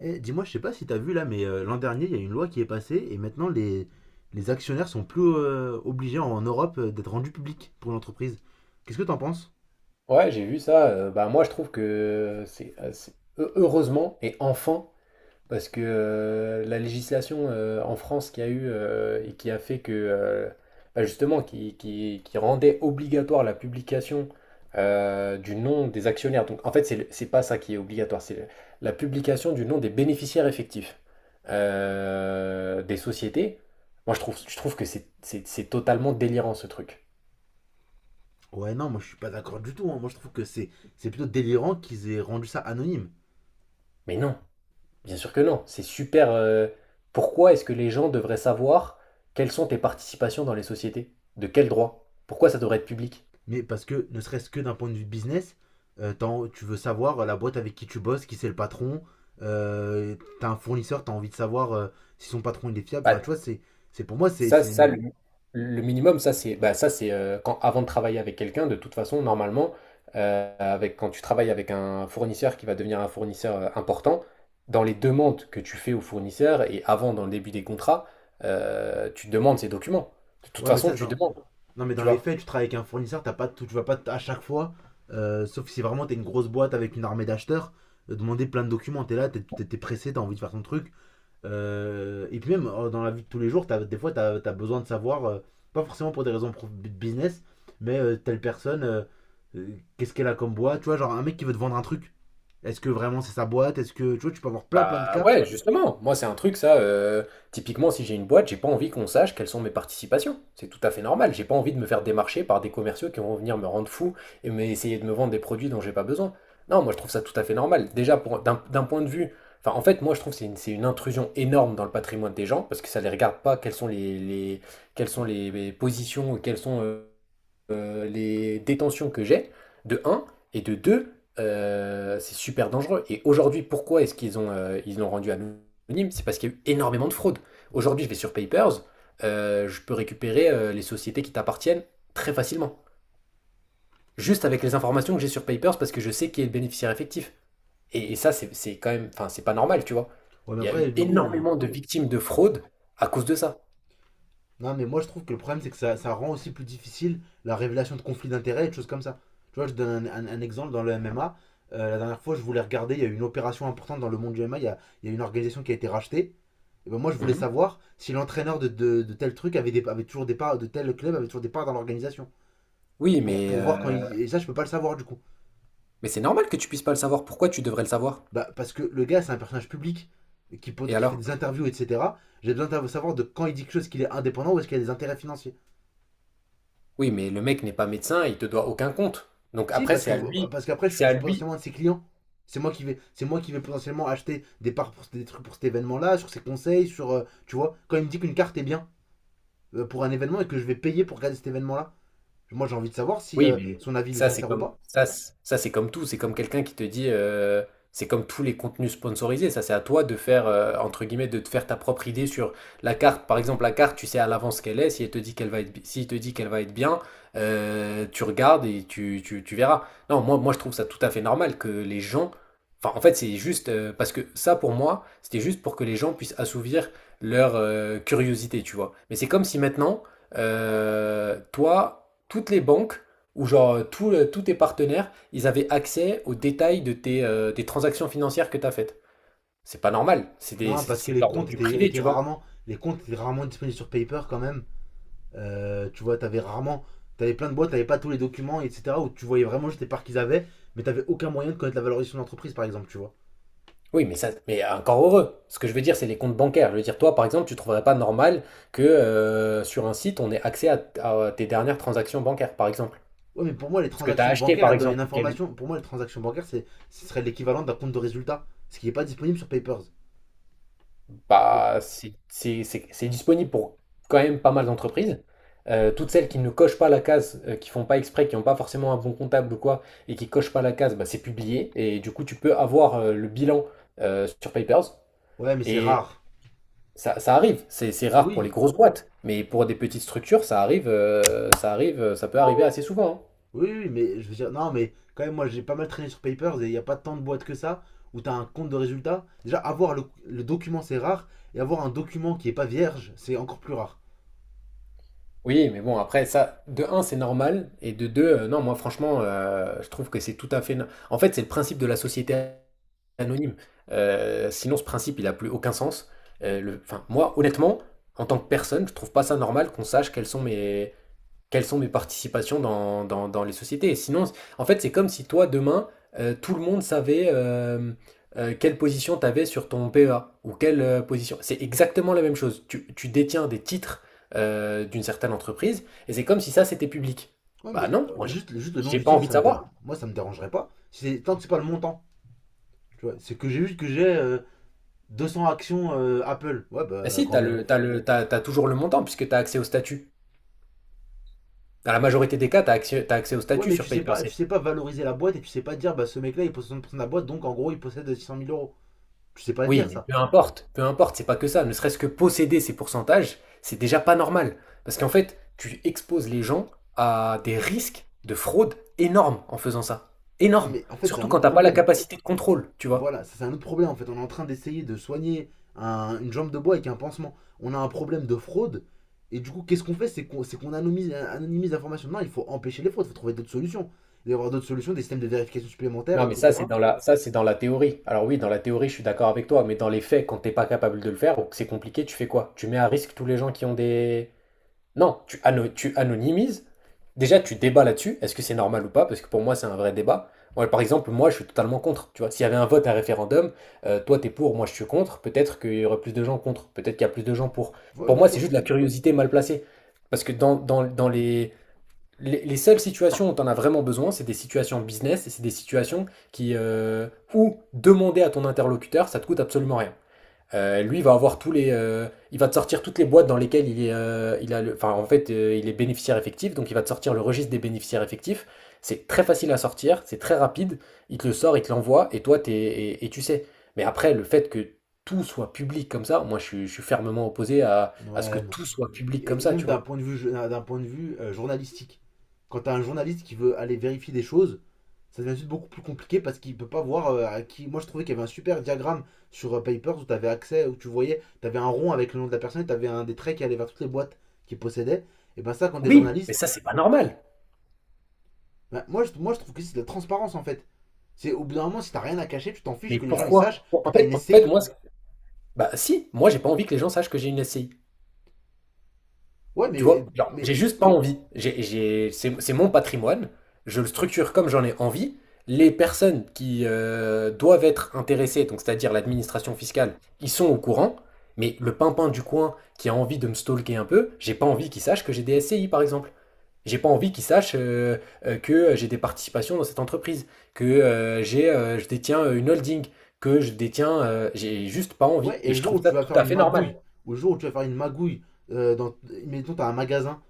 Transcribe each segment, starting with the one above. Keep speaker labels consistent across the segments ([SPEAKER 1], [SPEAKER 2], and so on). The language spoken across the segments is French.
[SPEAKER 1] Eh, dis-moi, je sais pas si t'as vu là, mais l'an dernier, il y a une loi qui est passée et maintenant les actionnaires sont plus obligés en Europe d'être rendus publics pour l'entreprise. Qu'est-ce que t'en penses?
[SPEAKER 2] Ouais, j'ai vu ça. Bah moi, je trouve que c'est heureusement et enfin parce que la législation en France qui a eu et qui a fait que bah, justement qui rendait obligatoire la publication du nom des actionnaires. Donc en fait, c'est pas ça qui est obligatoire, la publication du nom des bénéficiaires effectifs des sociétés. Moi, je trouve que c'est totalement délirant ce truc.
[SPEAKER 1] Ouais, non, moi je suis pas d'accord du tout, hein. Moi je trouve que c'est plutôt délirant qu'ils aient rendu ça anonyme.
[SPEAKER 2] Mais non. Bien sûr que non, c'est super. Pourquoi est-ce que les gens devraient savoir quelles sont tes participations dans les sociétés? De quel droit? Pourquoi ça devrait être public?
[SPEAKER 1] Mais parce que, ne serait-ce que d'un point de vue business, tu veux savoir la boîte avec qui tu bosses, qui c'est le patron. euh, T'as un fournisseur, t'as envie de savoir si son patron il est fiable. Enfin, tu
[SPEAKER 2] Bah,
[SPEAKER 1] vois, c'est- pour moi, c'est.
[SPEAKER 2] ça,
[SPEAKER 1] C'est
[SPEAKER 2] ça le,
[SPEAKER 1] une-
[SPEAKER 2] le minimum, ça c'est bah, ça c'est quand avant de travailler avec quelqu'un, de toute façon, normalement, avec quand tu travailles avec un fournisseur qui va devenir un fournisseur important, dans les demandes que tu fais au fournisseur et avant dans le début des contrats, tu demandes ces documents. De toute
[SPEAKER 1] Ouais,
[SPEAKER 2] façon, tu demandes,
[SPEAKER 1] non, mais
[SPEAKER 2] tu
[SPEAKER 1] dans les
[SPEAKER 2] vois.
[SPEAKER 1] faits, tu travailles avec un fournisseur, t'as pas, tu vas pas à chaque fois, sauf si vraiment t'es une grosse boîte avec une armée d'acheteurs, demander plein de documents. T'es là, pressé, t'as envie de faire ton truc. Et puis même dans la vie de tous les jours, des fois, t'as as besoin de savoir, pas forcément pour des raisons business, mais telle personne, euh, qu'est-ce qu'elle a comme boîte, tu vois, genre un mec qui veut te vendre un truc. Est-ce que vraiment c'est sa boîte? Est-ce que, tu vois, tu peux avoir plein de
[SPEAKER 2] Bah
[SPEAKER 1] cas.
[SPEAKER 2] ouais, justement, moi c'est un truc ça, typiquement si j'ai une boîte, j'ai pas envie qu'on sache quelles sont mes participations. C'est tout à fait normal, j'ai pas envie de me faire démarcher par des commerciaux qui vont venir me rendre fou et essayer de me vendre des produits dont j'ai pas besoin. Non, moi je trouve ça tout à fait normal. Déjà pour d'un point de vue, enfin en fait moi je trouve que c'est une intrusion énorme dans le patrimoine des gens parce que ça les regarde pas quelles sont les positions, quelles sont les détentions que j'ai, de un et de 2, c'est super dangereux. Et aujourd'hui, pourquoi est-ce qu'ils l'ont rendu anonyme? C'est parce qu'il y a eu énormément de fraude. Aujourd'hui, je vais sur Papers, je peux récupérer les sociétés qui t'appartiennent très facilement. Juste avec les informations que j'ai sur Papers, parce que je sais qui est le bénéficiaire effectif. Et ça, c'est quand même, enfin, c'est pas normal, tu vois.
[SPEAKER 1] Ouais, mais
[SPEAKER 2] Il y a eu
[SPEAKER 1] après,
[SPEAKER 2] énormément de victimes de fraude à cause de ça.
[SPEAKER 1] non, mais moi je trouve que le problème c'est que ça rend aussi plus difficile la révélation de conflits d'intérêts et de choses comme ça. Tu vois, je donne un exemple dans le MMA. La dernière fois, je voulais regarder, il y a eu une opération importante dans le monde du MMA, il y a une organisation qui a été rachetée. Et ben moi je voulais
[SPEAKER 2] Mhm.
[SPEAKER 1] savoir si l'entraîneur de tel truc avait, avait toujours des parts, de tel club avait toujours des parts dans l'organisation.
[SPEAKER 2] Oui, mais,
[SPEAKER 1] Pour voir quand
[SPEAKER 2] euh,
[SPEAKER 1] il. Et ça, je peux pas le savoir du coup.
[SPEAKER 2] mais c'est normal que tu puisses pas le savoir. Pourquoi tu devrais le savoir?
[SPEAKER 1] Bah, parce que le gars, c'est un personnage public qui,
[SPEAKER 2] Et
[SPEAKER 1] qui fait
[SPEAKER 2] alors?
[SPEAKER 1] des interviews, etc. J'ai besoin de savoir de quand il dit quelque chose qu'il est indépendant ou est-ce qu'il y a des intérêts financiers.
[SPEAKER 2] Oui, mais le mec n'est pas médecin, il te doit aucun compte. Donc
[SPEAKER 1] Si,
[SPEAKER 2] après, c'est à lui,
[SPEAKER 1] parce qu'après,
[SPEAKER 2] c'est
[SPEAKER 1] je
[SPEAKER 2] à
[SPEAKER 1] suis
[SPEAKER 2] lui,
[SPEAKER 1] potentiellement un de ses clients. C'est moi qui vais potentiellement acheter des parts pour des trucs pour cet événement-là, sur ses conseils, sur, tu vois, quand il me dit qu'une carte est bien pour un événement et que je vais payer pour regarder cet événement-là, moi j'ai envie de savoir si
[SPEAKER 2] Oui, mais
[SPEAKER 1] son avis il est
[SPEAKER 2] ça, c'est
[SPEAKER 1] sincère ou
[SPEAKER 2] comme
[SPEAKER 1] pas.
[SPEAKER 2] ça, ça c'est comme tout. C'est comme quelqu'un qui te dit, c'est comme tous les contenus sponsorisés. Ça, c'est à toi de faire entre guillemets de te faire ta propre idée sur la carte. Par exemple, la carte, tu sais à l'avance ce qu'elle est. Si elle te dit qu'elle va être, bi- S'il te dit qu'elle va être bien, tu regardes et tu verras. Non, moi, je trouve ça tout à fait normal que les gens. Enfin, en fait, c'est juste parce que ça, pour moi, c'était juste pour que les gens puissent assouvir leur curiosité, tu vois. Mais c'est comme si maintenant, toi, toutes les banques où genre tous tes partenaires, ils avaient accès aux détails des transactions financières que tu as faites. C'est pas normal, c'est des-
[SPEAKER 1] Non, parce que
[SPEAKER 2] c'est de l'ordre du privé, tu vois.
[SPEAKER 1] les comptes étaient rarement disponibles sur Paper quand même. Tu vois, t'avais rarement, t'avais plein de boîtes, t'avais pas tous les documents, etc. Où tu voyais vraiment juste les parts qu'ils avaient, mais t'avais aucun moyen de connaître la valorisation de l'entreprise, par exemple, tu vois.
[SPEAKER 2] Oui, mais ça, mais encore heureux. Ce que je veux dire, c'est les comptes bancaires. Je veux dire, toi, par exemple, tu trouverais pas normal que sur un site, on ait accès à tes dernières transactions bancaires, par exemple.
[SPEAKER 1] Ouais, mais pour moi, les
[SPEAKER 2] Ce que tu as
[SPEAKER 1] transactions
[SPEAKER 2] acheté,
[SPEAKER 1] bancaires,
[SPEAKER 2] par
[SPEAKER 1] elles donnent une
[SPEAKER 2] exemple, ou quel.
[SPEAKER 1] information. Pour moi, les transactions bancaires, ce serait l'équivalent d'un compte de résultat. Ce qui n'est pas disponible sur Papers.
[SPEAKER 2] Bah, c'est disponible pour quand même pas mal d'entreprises. Toutes celles qui ne cochent pas la case, qui font pas exprès, qui n'ont pas forcément un bon comptable ou quoi, et qui cochent pas la case, bah, c'est publié. Et du coup, tu peux avoir le bilan sur Papers.
[SPEAKER 1] Ouais, mais c'est
[SPEAKER 2] Et
[SPEAKER 1] rare.
[SPEAKER 2] ça arrive. C'est rare pour les
[SPEAKER 1] Oui,
[SPEAKER 2] grosses boîtes, mais pour des petites structures, ça peut arriver assez souvent, hein.
[SPEAKER 1] oui, oui, mais je veux dire, non, mais quand même, moi, j'ai pas mal traîné sur Papers et il n'y a pas tant de boîtes que ça où tu as un compte de résultat. Déjà, avoir le document, c'est rare. Et avoir un document qui n'est pas vierge, c'est encore plus rare.
[SPEAKER 2] Oui, mais bon, après, ça, de un, c'est normal, et de deux, non, moi, franchement, je trouve que c'est tout à fait. En fait, c'est le principe de la société anonyme. Sinon, ce principe, il n'a plus aucun sens. Enfin, moi, honnêtement, en tant que personne, je trouve pas ça normal qu'on sache quelles sont mes participations dans les sociétés. Et sinon, en fait, c'est comme si toi, demain, tout le monde savait quelle position tu avais sur ton PEA ou quelle position. C'est exactement la même chose. Tu détiens des titres d'une certaine entreprise et c'est comme si ça, c'était public.
[SPEAKER 1] Ouais,
[SPEAKER 2] Bah
[SPEAKER 1] mais
[SPEAKER 2] non, moi, j'ai
[SPEAKER 1] juste le nom
[SPEAKER 2] j'ai
[SPEAKER 1] du
[SPEAKER 2] pas
[SPEAKER 1] titre,
[SPEAKER 2] envie de
[SPEAKER 1] ça me dérange.
[SPEAKER 2] savoir.
[SPEAKER 1] Moi, ça me dérangerait pas. Si c'est, tant que c'est pas le montant. Tu vois, c'est que j'ai vu que j'ai 200 actions Apple. Ouais,
[SPEAKER 2] Bah
[SPEAKER 1] bah,
[SPEAKER 2] si,
[SPEAKER 1] grand
[SPEAKER 2] t'as
[SPEAKER 1] bien
[SPEAKER 2] le,
[SPEAKER 1] vous.
[SPEAKER 2] t'as le, t'as, t'as toujours le montant puisque tu as accès au statut. Dans la majorité des cas, t'as accès au
[SPEAKER 1] Ouais,
[SPEAKER 2] statut
[SPEAKER 1] mais
[SPEAKER 2] sur Paper.
[SPEAKER 1] tu sais pas valoriser la boîte et tu sais pas dire, bah ce mec-là il possède 60% de la boîte, donc en gros il possède six cent mille euros. Tu sais pas le
[SPEAKER 2] Oui,
[SPEAKER 1] dire
[SPEAKER 2] mais
[SPEAKER 1] ça.
[SPEAKER 2] peu importe, c'est pas que ça. Ne serait-ce que posséder ces pourcentages, c'est déjà pas normal. Parce qu'en fait, tu exposes les gens à des risques de fraude énormes en faisant ça.
[SPEAKER 1] Non,
[SPEAKER 2] Énormes.
[SPEAKER 1] mais en fait, c'est
[SPEAKER 2] Surtout
[SPEAKER 1] un
[SPEAKER 2] quand
[SPEAKER 1] autre
[SPEAKER 2] t'as pas la
[SPEAKER 1] problème.
[SPEAKER 2] capacité de contrôle, tu vois.
[SPEAKER 1] Voilà, c'est un autre problème en fait. On est en train d'essayer de soigner une jambe de bois avec un pansement. On a un problème de fraude. Et du coup, qu'est-ce qu'on fait? C'est anonymise l'information. Non, il faut empêcher les fraudes, il faut trouver d'autres solutions. Il va y avoir d'autres solutions, des systèmes de vérification supplémentaires,
[SPEAKER 2] Non, mais ça, c'est
[SPEAKER 1] etc.
[SPEAKER 2] dans la, ça, c'est dans la théorie. Alors oui, dans la théorie, je suis d'accord avec toi, mais dans les faits, quand t'es pas capable de le faire ou que c'est compliqué, tu fais quoi? Tu mets à risque tous les gens qui ont des. Non, tu anonymises. Déjà, tu débats là-dessus. Est-ce que c'est normal ou pas? Parce que pour moi, c'est un vrai débat. Moi, par exemple, moi, je suis totalement contre. Tu vois, s'il y avait un vote, un référendum, toi, t'es pour, moi, je suis contre. Peut-être qu'il y aurait plus de gens contre. Peut-être qu'il y a plus de gens pour.
[SPEAKER 1] Ouais,
[SPEAKER 2] Pour
[SPEAKER 1] bien
[SPEAKER 2] moi, c'est
[SPEAKER 1] sûr.
[SPEAKER 2] juste de la curiosité mal placée. Parce que dans les seules situations où t'en as vraiment besoin, c'est des situations business et c'est des situations qui, euh, où demander à ton interlocuteur, ça te coûte absolument rien. Lui, il va avoir il va te sortir toutes les boîtes dans lesquelles il est, il a le, enfin, en fait, il est bénéficiaire effectif, donc il va te sortir le registre des bénéficiaires effectifs. C'est très facile à sortir, c'est très rapide. Il te le sort, il te l'envoie, et toi, et tu sais. Mais après, le fait que tout soit public comme ça, moi, je suis fermement opposé à ce que
[SPEAKER 1] Ouais, non.
[SPEAKER 2] tout soit public comme
[SPEAKER 1] Et
[SPEAKER 2] ça,
[SPEAKER 1] même
[SPEAKER 2] tu
[SPEAKER 1] d'un
[SPEAKER 2] vois.
[SPEAKER 1] point de vue, d'un point de vue journalistique. Quand t'as un journaliste qui veut aller vérifier des choses, ça devient juste beaucoup plus compliqué parce qu'il ne peut pas voir à qui. Moi, je trouvais qu'il y avait un super diagramme sur Papers où tu avais accès, où tu voyais, tu avais un rond avec le nom de la personne et tu avais un des traits qui allait vers toutes les boîtes qu'il possédait. Et ben, ça, quand t'es
[SPEAKER 2] Oui, mais
[SPEAKER 1] journaliste,
[SPEAKER 2] ça, c'est pas normal.
[SPEAKER 1] ben, moi, je trouve que c'est de la transparence en fait. C'est au bout d'un moment, si t'as rien à cacher, tu t'en fiches
[SPEAKER 2] Mais
[SPEAKER 1] que les gens ils sachent
[SPEAKER 2] pourquoi?
[SPEAKER 1] que
[SPEAKER 2] En
[SPEAKER 1] t'as
[SPEAKER 2] fait,
[SPEAKER 1] une
[SPEAKER 2] en fait,
[SPEAKER 1] SCI.
[SPEAKER 2] moi, bah si, moi, j'ai pas envie que les gens sachent que j'ai une SCI.
[SPEAKER 1] Ouais,
[SPEAKER 2] Tu
[SPEAKER 1] mais,
[SPEAKER 2] vois, genre,
[SPEAKER 1] mais
[SPEAKER 2] j'ai juste pas envie. C'est mon patrimoine, je le structure comme j'en ai envie. Les personnes qui doivent être intéressées, donc c'est-à-dire l'administration fiscale, ils sont au courant, mais le pimpin du coin qui a envie de me stalker un peu, j'ai pas envie qu'il sache que j'ai des SCI par exemple. J'ai pas envie qu'il sache que j'ai des participations dans cette entreprise, que je détiens une holding, j'ai juste pas envie.
[SPEAKER 1] ouais, et
[SPEAKER 2] Et
[SPEAKER 1] le
[SPEAKER 2] je
[SPEAKER 1] jour
[SPEAKER 2] trouve
[SPEAKER 1] où
[SPEAKER 2] ça
[SPEAKER 1] tu vas
[SPEAKER 2] tout
[SPEAKER 1] faire
[SPEAKER 2] à
[SPEAKER 1] une
[SPEAKER 2] fait normal.
[SPEAKER 1] magouille, ou le jour où tu vas faire une magouille, euh, dans, mettons, t'as un magasin,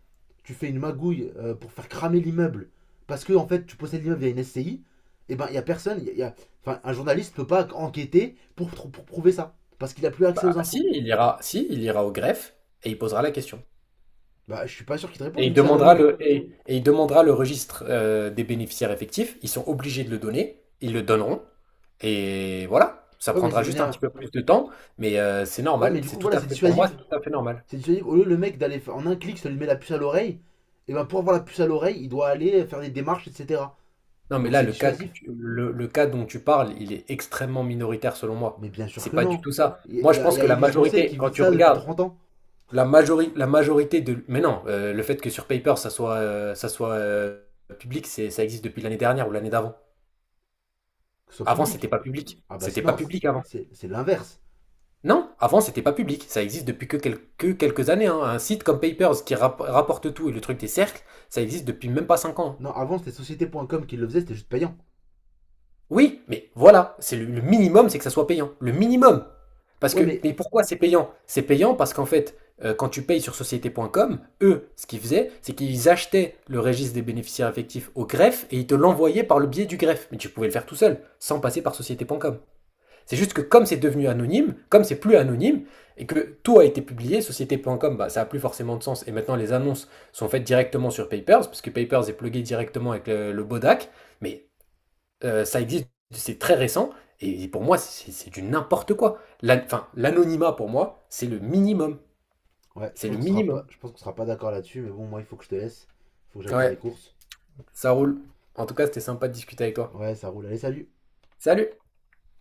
[SPEAKER 1] tu fais une magouille pour faire cramer l'immeuble parce que en fait tu possèdes l'immeuble via une SCI, et ben il y a personne, enfin un journaliste ne peut pas enquêter pour prouver ça parce qu'il a plus accès aux
[SPEAKER 2] Bah, si,
[SPEAKER 1] infos.
[SPEAKER 2] si, il ira au greffe et il posera la question.
[SPEAKER 1] Bah je suis pas sûr qu'il te
[SPEAKER 2] Et
[SPEAKER 1] réponde
[SPEAKER 2] il
[SPEAKER 1] vu que c'est
[SPEAKER 2] demandera
[SPEAKER 1] anonyme.
[SPEAKER 2] le, et, et il demandera le registre des bénéficiaires effectifs. Ils sont obligés de le donner. Ils le donneront. Et voilà. Ça
[SPEAKER 1] Ouais mais ça
[SPEAKER 2] prendra juste un
[SPEAKER 1] devient,
[SPEAKER 2] petit peu plus de temps, mais c'est
[SPEAKER 1] ouais mais
[SPEAKER 2] normal.
[SPEAKER 1] du
[SPEAKER 2] C'est
[SPEAKER 1] coup
[SPEAKER 2] tout
[SPEAKER 1] voilà
[SPEAKER 2] à
[SPEAKER 1] c'est
[SPEAKER 2] fait, pour moi, c'est
[SPEAKER 1] dissuasif,
[SPEAKER 2] tout à fait normal.
[SPEAKER 1] c'est dissuasif. Au lieu le mec d'aller en un clic ça lui met la puce à l'oreille, et ben pour avoir la puce à l'oreille il doit aller faire des démarches etc.
[SPEAKER 2] Non, mais
[SPEAKER 1] Donc
[SPEAKER 2] là,
[SPEAKER 1] c'est
[SPEAKER 2] le cas que
[SPEAKER 1] dissuasif.
[SPEAKER 2] tu- le, le cas dont tu parles, il est extrêmement minoritaire selon moi.
[SPEAKER 1] Mais bien sûr
[SPEAKER 2] C'est
[SPEAKER 1] que
[SPEAKER 2] pas du
[SPEAKER 1] non.
[SPEAKER 2] tout ça. Moi, je
[SPEAKER 1] Il
[SPEAKER 2] pense
[SPEAKER 1] y a
[SPEAKER 2] que la
[SPEAKER 1] Élise Lucet
[SPEAKER 2] majorité,
[SPEAKER 1] qui
[SPEAKER 2] quand
[SPEAKER 1] vit
[SPEAKER 2] tu
[SPEAKER 1] ça depuis
[SPEAKER 2] regardes,
[SPEAKER 1] 30 ans,
[SPEAKER 2] La majorité de. Mais non, le fait que sur Paper, ça soit public, ça existe depuis l'année dernière ou l'année d'avant.
[SPEAKER 1] que ce soit
[SPEAKER 2] Avant, c'était
[SPEAKER 1] public.
[SPEAKER 2] pas public. C'était pas
[SPEAKER 1] Non,
[SPEAKER 2] public avant.
[SPEAKER 1] c'est l'inverse.
[SPEAKER 2] Non, avant, c'était pas public. Ça existe depuis quelques années, hein. Un site comme Papers qui rapporte tout et le truc des cercles, ça existe depuis même pas 5 ans, hein.
[SPEAKER 1] Non, avant c'était société.com qui le faisait, c'était juste payant.
[SPEAKER 2] Oui, mais voilà, c'est le minimum, c'est que ça soit payant. Le minimum. Parce
[SPEAKER 1] Ouais,
[SPEAKER 2] que,
[SPEAKER 1] mais
[SPEAKER 2] mais pourquoi c'est payant? C'est payant parce qu'en fait, quand tu payes sur société.com, eux, ce qu'ils faisaient, c'est qu'ils achetaient le registre des bénéficiaires effectifs au greffe et ils te l'envoyaient par le biais du greffe. Mais tu pouvais le faire tout seul, sans passer par société.com. C'est juste que comme c'est devenu anonyme, comme c'est plus anonyme, et que tout a été publié, société.com, bah, ça a plus forcément de sens. Et maintenant, les annonces sont faites directement sur Papers, parce que Papers est plugué directement avec le Bodac. Mais ça existe, c'est très récent, et pour moi, c'est du n'importe quoi. Enfin, l'anonymat, pour moi, c'est le minimum.
[SPEAKER 1] ouais,
[SPEAKER 2] C'est le minimum.
[SPEAKER 1] je pense qu'on sera pas d'accord là-dessus, mais bon, moi il faut que je te laisse, faut que j'aille faire des
[SPEAKER 2] Ouais,
[SPEAKER 1] courses.
[SPEAKER 2] ça roule. En tout cas, c'était sympa de discuter avec toi.
[SPEAKER 1] Ouais, ça roule. Allez, salut.
[SPEAKER 2] Salut!